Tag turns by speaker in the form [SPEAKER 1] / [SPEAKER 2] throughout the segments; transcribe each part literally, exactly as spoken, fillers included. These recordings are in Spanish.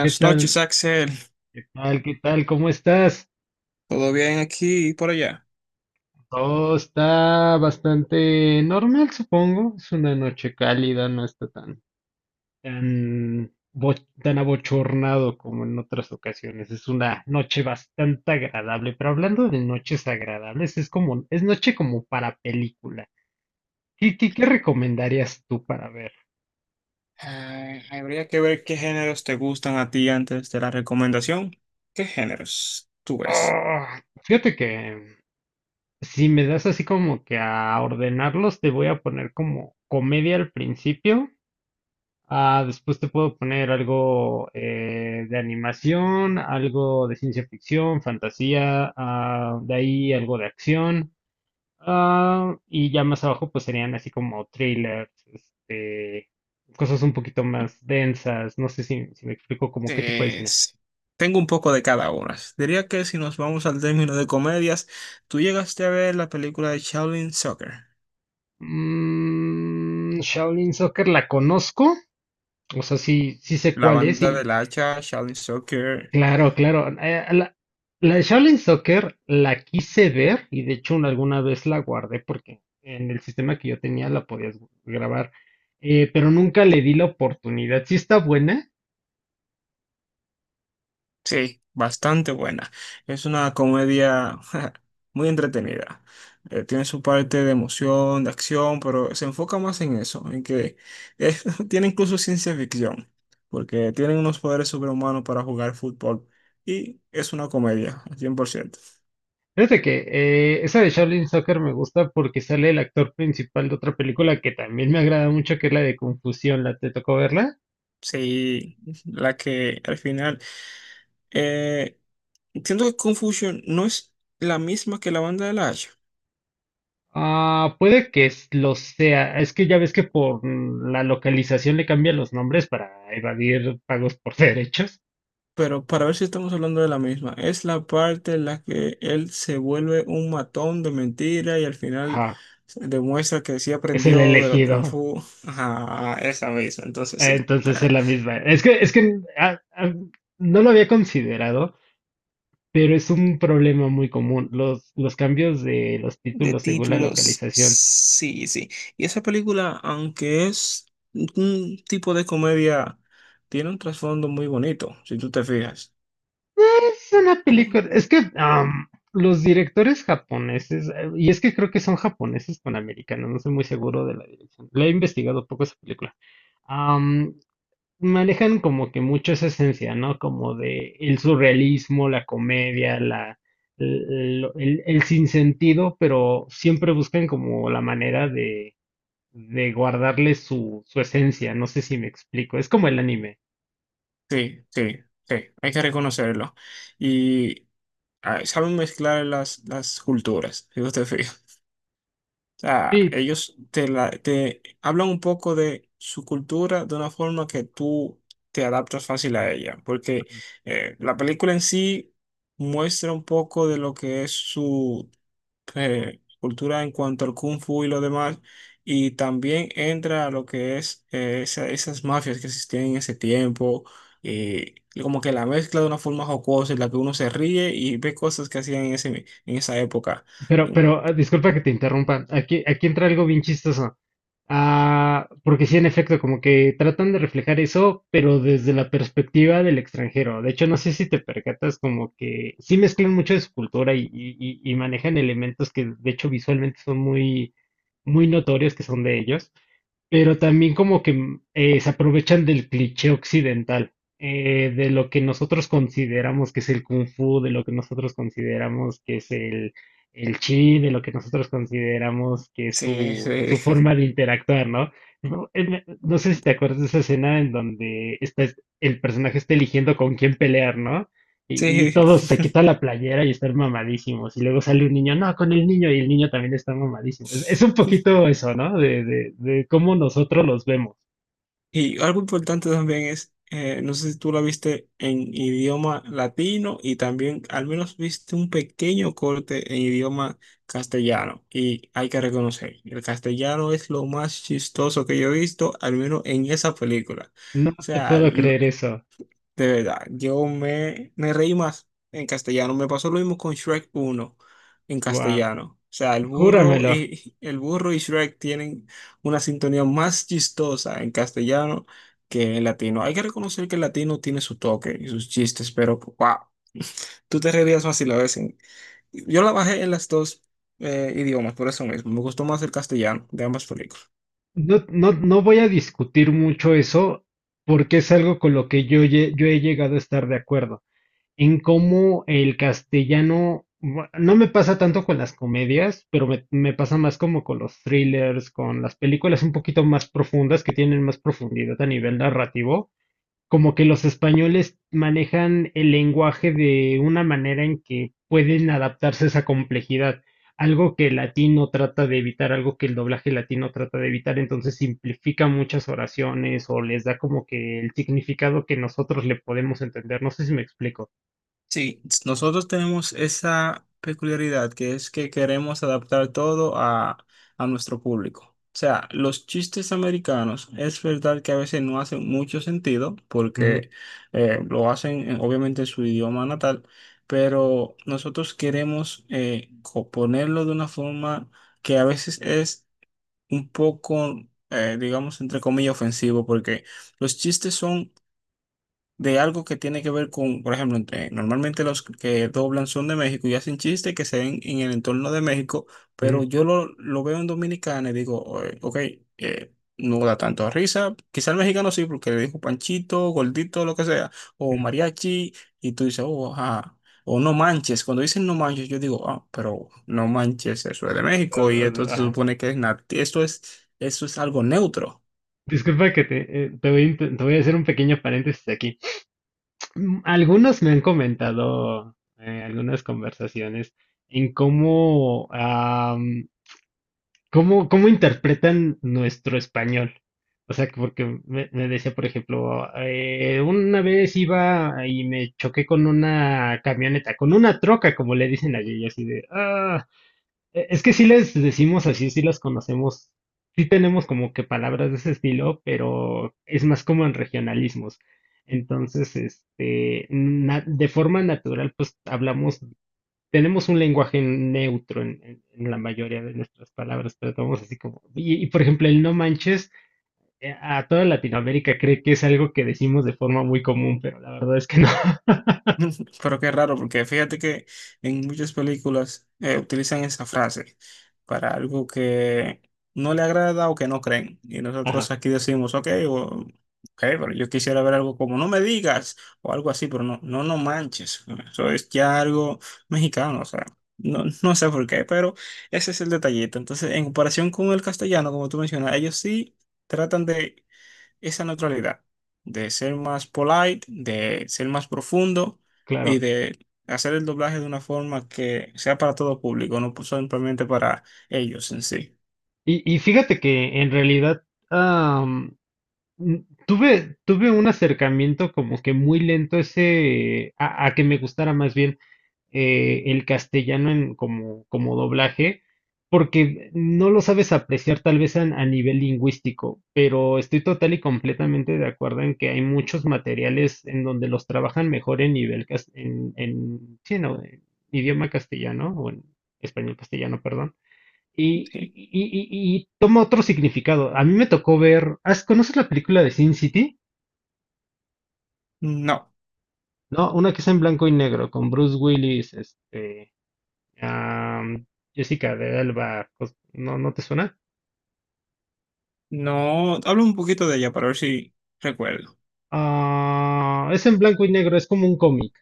[SPEAKER 1] ¿Qué
[SPEAKER 2] noches,
[SPEAKER 1] tal?
[SPEAKER 2] Axel.
[SPEAKER 1] ¿Qué tal? ¿Qué tal? ¿Cómo estás?
[SPEAKER 2] ¿Todo bien aquí y por allá?
[SPEAKER 1] Todo está bastante normal, supongo. Es una noche cálida, no está tan, tan, bo- tan abochornado como en otras ocasiones. Es una noche bastante agradable. Pero hablando de noches agradables, es como, es noche como para película. ¿Qué, qué, qué recomendarías tú para ver?
[SPEAKER 2] Eh, habría que ver qué géneros te gustan a ti antes de la recomendación. ¿Qué géneros tú ves?
[SPEAKER 1] Ah, fíjate que si me das así como que a ordenarlos, te voy a poner como comedia al principio. Ah, después te puedo poner algo eh, de animación, algo de ciencia ficción, fantasía, ah, de ahí algo de acción. Ah, y ya más abajo pues serían así como trailers, este, cosas un poquito más densas. No sé si, si me explico como qué tipo de
[SPEAKER 2] Eh,
[SPEAKER 1] cine.
[SPEAKER 2] sí. Tengo un poco de cada una. Diría que si nos vamos al término de comedias, tú llegaste a ver la película de Shaolin Soccer,
[SPEAKER 1] Mm, Shaolin Soccer la conozco, o sea, sí, sí sé
[SPEAKER 2] la
[SPEAKER 1] cuál es.
[SPEAKER 2] banda
[SPEAKER 1] Y
[SPEAKER 2] del hacha Shaolin Soccer.
[SPEAKER 1] claro, claro. Eh, la, la de Shaolin Soccer la quise ver y de hecho una- alguna vez la guardé porque en el sistema que yo tenía la podías grabar, eh, pero nunca le di la oportunidad. Sí está buena.
[SPEAKER 2] Sí, bastante buena. Es una comedia muy entretenida. Eh, tiene su parte de emoción, de acción, pero se enfoca más en eso, en que eh, tiene incluso ciencia ficción, porque tienen unos poderes sobrehumanos para jugar fútbol y es una comedia, al cien por ciento.
[SPEAKER 1] Fíjate que eh, esa de Shaolin Soccer me gusta porque sale el actor principal de otra película que también me agrada mucho, que es la de Confusión. ¿La te tocó verla?
[SPEAKER 2] Sí, la que al final... eh, entiendo que Confusion no es la misma que la banda de la.
[SPEAKER 1] Ah, puede que s- lo sea. Es que ya ves que por mm, la localización le cambian los nombres para evadir pagos por derechos.
[SPEAKER 2] Pero para ver si estamos hablando de la misma, es la parte en la que él se vuelve un matón de mentira y al final
[SPEAKER 1] Ajá.
[SPEAKER 2] se demuestra que sí
[SPEAKER 1] Es el
[SPEAKER 2] aprendió de lo Kung
[SPEAKER 1] elegido.
[SPEAKER 2] Fu. Ajá, esa misma, entonces
[SPEAKER 1] Eh,
[SPEAKER 2] sí.
[SPEAKER 1] Entonces
[SPEAKER 2] ta-
[SPEAKER 1] es la misma. Es que, es que ah, ah, No lo había considerado, pero es un problema muy común. Los, los cambios de los
[SPEAKER 2] De
[SPEAKER 1] títulos según la
[SPEAKER 2] títulos,
[SPEAKER 1] localización.
[SPEAKER 2] sí, sí. Y esa película, aunque es un tipo de comedia, tiene un trasfondo muy bonito, si tú te fijas.
[SPEAKER 1] Es una
[SPEAKER 2] Tú-
[SPEAKER 1] película. Es que am, los directores japoneses, eh, y es que creo que son japoneses con americanos, no estoy muy seguro de la dirección. La he investigado poco esa película. Manejan como que mucho esa esencia, ¿no? Como de el surrealismo, la comedia, la, el, el- el sinsentido, pero siempre buscan como la manera de, de guardarle su, su esencia, no sé si me explico, es como el anime.
[SPEAKER 2] sí, sí, sí, hay que reconocerlo. Y ah, saben mezclar las, las culturas, si tú te fijas. Sea,
[SPEAKER 1] Sí,
[SPEAKER 2] ellos te, la- te hablan un poco de su cultura de una forma que tú te adaptas fácil a ella, porque eh, la película en sí muestra un poco de lo que es su eh, cultura en cuanto al kung fu y lo demás, y también entra a lo que es eh, esa- esas mafias que existían en ese tiempo. eh, como que la mezcla de una forma jocosa en la que uno se ríe y ve cosas que hacían en ese, en esa época.
[SPEAKER 1] Pero, pero, ah, disculpa que te interrumpa. Aquí, aquí entra algo bien chistoso. Ah, porque sí, en efecto, como que tratan de reflejar eso, pero desde la perspectiva del extranjero. De hecho, no sé si te percatas, como que sí mezclan mucho de su cultura y, y- y- y manejan elementos que, de hecho, visualmente son muy, muy notorios que son de ellos. Pero también como que eh, se aprovechan del cliché occidental, eh, de lo que nosotros consideramos que es el kung fu, de lo que nosotros consideramos que es el, el chi, de lo que nosotros consideramos que es
[SPEAKER 2] Sí,
[SPEAKER 1] su,
[SPEAKER 2] sí.
[SPEAKER 1] su forma de interactuar, ¿no? No, eh, me- no sé si te acuerdas de esa escena en donde está, es- el personaje está eligiendo con quién pelear, ¿no? Y, y
[SPEAKER 2] Sí,
[SPEAKER 1] todos se quitan la playera y están mamadísimos. Y luego sale un niño, no, con el niño, y el niño también está mamadísimo. Es, es un poquito eso, ¿no? De, de, de cómo nosotros los vemos.
[SPEAKER 2] y algo importante también es, eh, no sé si tú la viste en idioma latino y también al menos viste un pequeño corte en idioma castellano. Y hay que reconocer, el castellano es lo más chistoso que yo he visto, al menos en esa película.
[SPEAKER 1] No
[SPEAKER 2] O
[SPEAKER 1] te
[SPEAKER 2] sea,
[SPEAKER 1] puedo creer eso.
[SPEAKER 2] de verdad, yo me, me reí más en castellano. Me pasó lo mismo con Shrek uno en
[SPEAKER 1] Wow,
[SPEAKER 2] castellano. O sea, el burro
[SPEAKER 1] júramelo.
[SPEAKER 2] y el burro y Shrek tienen una sintonía más chistosa en castellano que en latino. Hay que reconocer que el latino tiene su toque y sus chistes, pero wow, tú te reirías más si la ves en- yo la bajé en las dos eh, idiomas, por eso mismo. Me gustó más el castellano de ambas películas.
[SPEAKER 1] No, no, no voy a discutir mucho eso porque es algo con lo que yo, lle- yo he llegado a estar de acuerdo. En cómo el castellano, bu- no me pasa tanto con las comedias, pero me, me pasa más como con los thrillers, con las películas un poquito más profundas, que tienen más profundidad a nivel narrativo, como que los españoles manejan el lenguaje de una manera en que pueden adaptarse a esa complejidad. Algo que el latino trata de evitar, algo que el doblaje latino trata de evitar, entonces simplifica muchas oraciones o les da como que el significado que nosotros le podemos entender. No sé si me explico.
[SPEAKER 2] Sí, nosotros tenemos esa peculiaridad que es que queremos adaptar todo a, a nuestro público. O sea, los chistes americanos es verdad que a veces no hacen mucho sentido
[SPEAKER 1] Ujú,
[SPEAKER 2] porque eh, lo hacen en- obviamente en su idioma natal, pero nosotros queremos eh, co- ponerlo de una forma que a veces es un poco, eh, digamos, entre comillas, ofensivo porque los chistes son de algo que tiene que ver con, por ejemplo, entre, normalmente los que doblan son de México y hacen chistes que se ven en el entorno de México, pero
[SPEAKER 1] ujú,
[SPEAKER 2] yo lo, lo veo en Dominicana y digo, "Oye, ok, eh, no da tanto risa. Quizá el mexicano sí, porque le dijo Panchito, Gordito, lo que sea, o
[SPEAKER 1] ujú.
[SPEAKER 2] Mariachi, y tú dices, oh, ajá. O no manches, cuando dicen no manches, yo digo, ah, pero no manches, eso es de
[SPEAKER 1] Ah,
[SPEAKER 2] México y
[SPEAKER 1] ah,
[SPEAKER 2] esto
[SPEAKER 1] ah,
[SPEAKER 2] se
[SPEAKER 1] ajá.
[SPEAKER 2] supone que es nati- esto es, eso es algo neutro".
[SPEAKER 1] Disculpa que te, eh, te voy, a inte- Te voy a hacer un pequeño paréntesis aquí. Mm, algunos me han comentado eh, algunas conversaciones en cómo, am, cómo, cómo interpretan nuestro español. O sea, que porque me, me decía, por ejemplo, eh, una vez iba y me choqué con una camioneta, con una troca, como le dicen allí, y así de, ah, E- es que sí les decimos así, sí las conocemos, sí tenemos como que palabras de ese estilo, pero es más como en regionalismos. Entonces, este, na- de forma natural, pues hablamos, tenemos un lenguaje neutro en, en- en la mayoría de nuestras palabras, tratamos así como, y, y, por ejemplo, el no manches, eh, a toda Latinoamérica cree que es algo que decimos de forma muy común, pero la verdad es que no.
[SPEAKER 2] Pero qué raro, porque fíjate que en muchas películas eh, utilizan esa frase para algo que no le agrada o que no creen. Y nosotros
[SPEAKER 1] Ajá,
[SPEAKER 2] aquí decimos, ok, o- ok, pero yo quisiera ver algo como no me digas o algo así, pero no, no, no manches. Eso es ya algo mexicano, o sea, no, no sé por qué, pero ese es el detallito. Entonces, en comparación con el castellano, como tú mencionas, ellos sí tratan de esa neutralidad, de ser más polite, de ser más profundo y
[SPEAKER 1] claro.
[SPEAKER 2] de hacer el doblaje de una forma que sea para todo público, no simplemente para ellos en sí.
[SPEAKER 1] Y, y fíjate que en realidad, mm, Tuve, tuve un acercamiento como que muy lento ese, a, a que me gustara más bien eh, el castellano en, como, como doblaje, porque no lo sabes apreciar tal vez a, a nivel lingüístico, pero estoy total y completamente de acuerdo en que hay muchos materiales en donde los trabajan mejor en nivel, cas- en, en, sí, no, en idioma castellano o en español castellano, perdón. y, y,
[SPEAKER 2] Sí.
[SPEAKER 1] y- y- y toma otro significado. A mí me tocó ver, ¿has- ¿conoces la película de Sin City?
[SPEAKER 2] No,
[SPEAKER 1] No, una que es en blanco y negro, con Bruce Willis, este, am, Jessica de Alba, cos- ¿no, no te suena?
[SPEAKER 2] no, hablo un poquito de ella para ver si recuerdo
[SPEAKER 1] Ah, es en blanco y negro, es como un cómic.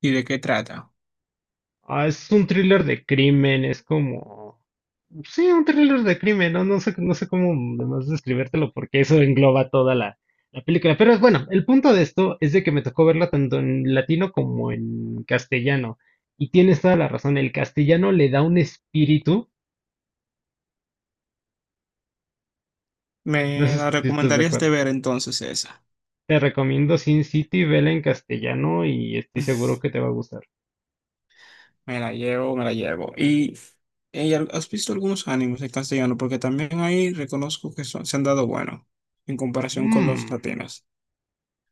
[SPEAKER 2] y de qué trata.
[SPEAKER 1] Ah, es un thriller de crimen, es como... Sí, un thriller de crimen, ¿no? No sé, no sé cómo más describírtelo porque eso engloba toda la, la película. Pero bueno, el punto de esto es de que me tocó verla tanto en latino como en castellano. Y tienes toda la razón, el castellano le da un espíritu, no
[SPEAKER 2] ¿Me
[SPEAKER 1] sé
[SPEAKER 2] la
[SPEAKER 1] si estás de
[SPEAKER 2] recomendarías de
[SPEAKER 1] acuerdo.
[SPEAKER 2] ver entonces esa?
[SPEAKER 1] Te recomiendo Sin City, vela en castellano y estoy seguro que te va a gustar.
[SPEAKER 2] Me la llevo, me la llevo. Y, y al- ¿has visto algunos animes en castellano? Porque también ahí reconozco que son- se han dado bueno en comparación con los
[SPEAKER 1] Mm.
[SPEAKER 2] latinos.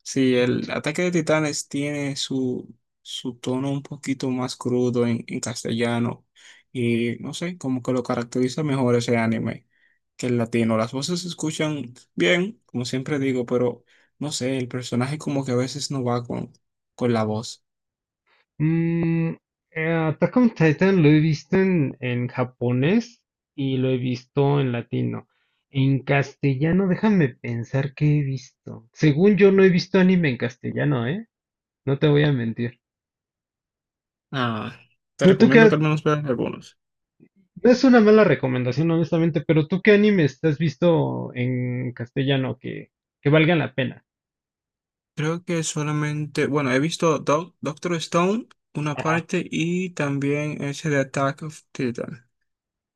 [SPEAKER 2] Sí, el Ataque de Titanes tiene su, su tono un poquito más crudo en, en castellano y no sé, como que lo caracteriza mejor ese anime que el latino. Las voces se escuchan bien, como siempre digo, pero no sé, el personaje como que a veces no va con, con la voz.
[SPEAKER 1] Mm, eh, Attack on Titan lo he visto en, en japonés y lo he visto en latino. En castellano, déjame pensar qué he visto. Según yo, no he visto anime en castellano, ¿eh? No te voy a mentir.
[SPEAKER 2] Ah, te
[SPEAKER 1] ¿Tú, tú
[SPEAKER 2] recomiendo que
[SPEAKER 1] qué-
[SPEAKER 2] al menos veas algunos.
[SPEAKER 1] No es una mala recomendación, honestamente, pero ¿tú qué animes has visto en castellano que, que valgan la pena?
[SPEAKER 2] Creo que solamente, bueno, he visto Doc- Doctor Stone, una
[SPEAKER 1] Ajá.
[SPEAKER 2] parte y también ese de Attack of Titan.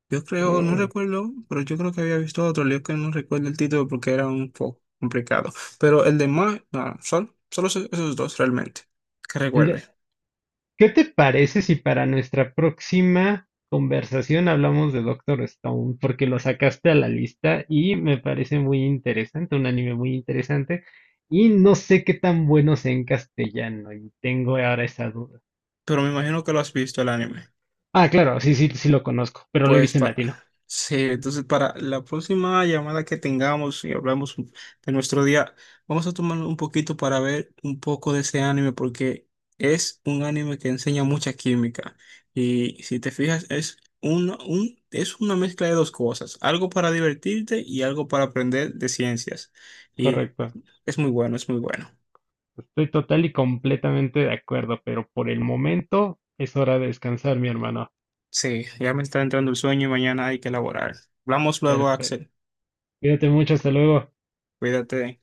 [SPEAKER 2] Yo creo, no
[SPEAKER 1] Mm.
[SPEAKER 2] recuerdo, pero yo creo que había visto otro lío que no recuerdo el título porque era un poco complicado. Pero el de más, solo, solo esos esos dos realmente, que
[SPEAKER 1] El
[SPEAKER 2] recuerde.
[SPEAKER 1] de- ¿Qué te parece si para nuestra próxima conversación hablamos de Doctor Stone? Porque lo sacaste a la lista y me parece muy interesante, un anime muy interesante. Y no sé qué tan bueno sea en castellano y tengo ahora esa duda.
[SPEAKER 2] Pero me imagino que lo has visto el anime.
[SPEAKER 1] Ah, claro, sí, sí, sí lo conozco, pero lo he
[SPEAKER 2] Pues
[SPEAKER 1] visto en
[SPEAKER 2] pa-
[SPEAKER 1] latino.
[SPEAKER 2] sí, entonces para la próxima llamada que tengamos y hablamos un- de nuestro día, vamos a tomar un poquito para ver un poco de ese anime porque es un anime que enseña mucha química y si te fijas es una, un, es una mezcla de dos cosas, algo para divertirte y algo para aprender de ciencias y
[SPEAKER 1] Correcto.
[SPEAKER 2] es muy bueno, es muy bueno.
[SPEAKER 1] Estoy total y completamente de acuerdo, pero por el momento es hora de descansar, mi hermano.
[SPEAKER 2] Sí, ya me está entrando el sueño y mañana hay que elaborar. Hablamos luego,
[SPEAKER 1] Perfecto.
[SPEAKER 2] Axel.
[SPEAKER 1] Cuídate mucho, hasta luego.
[SPEAKER 2] Cuídate.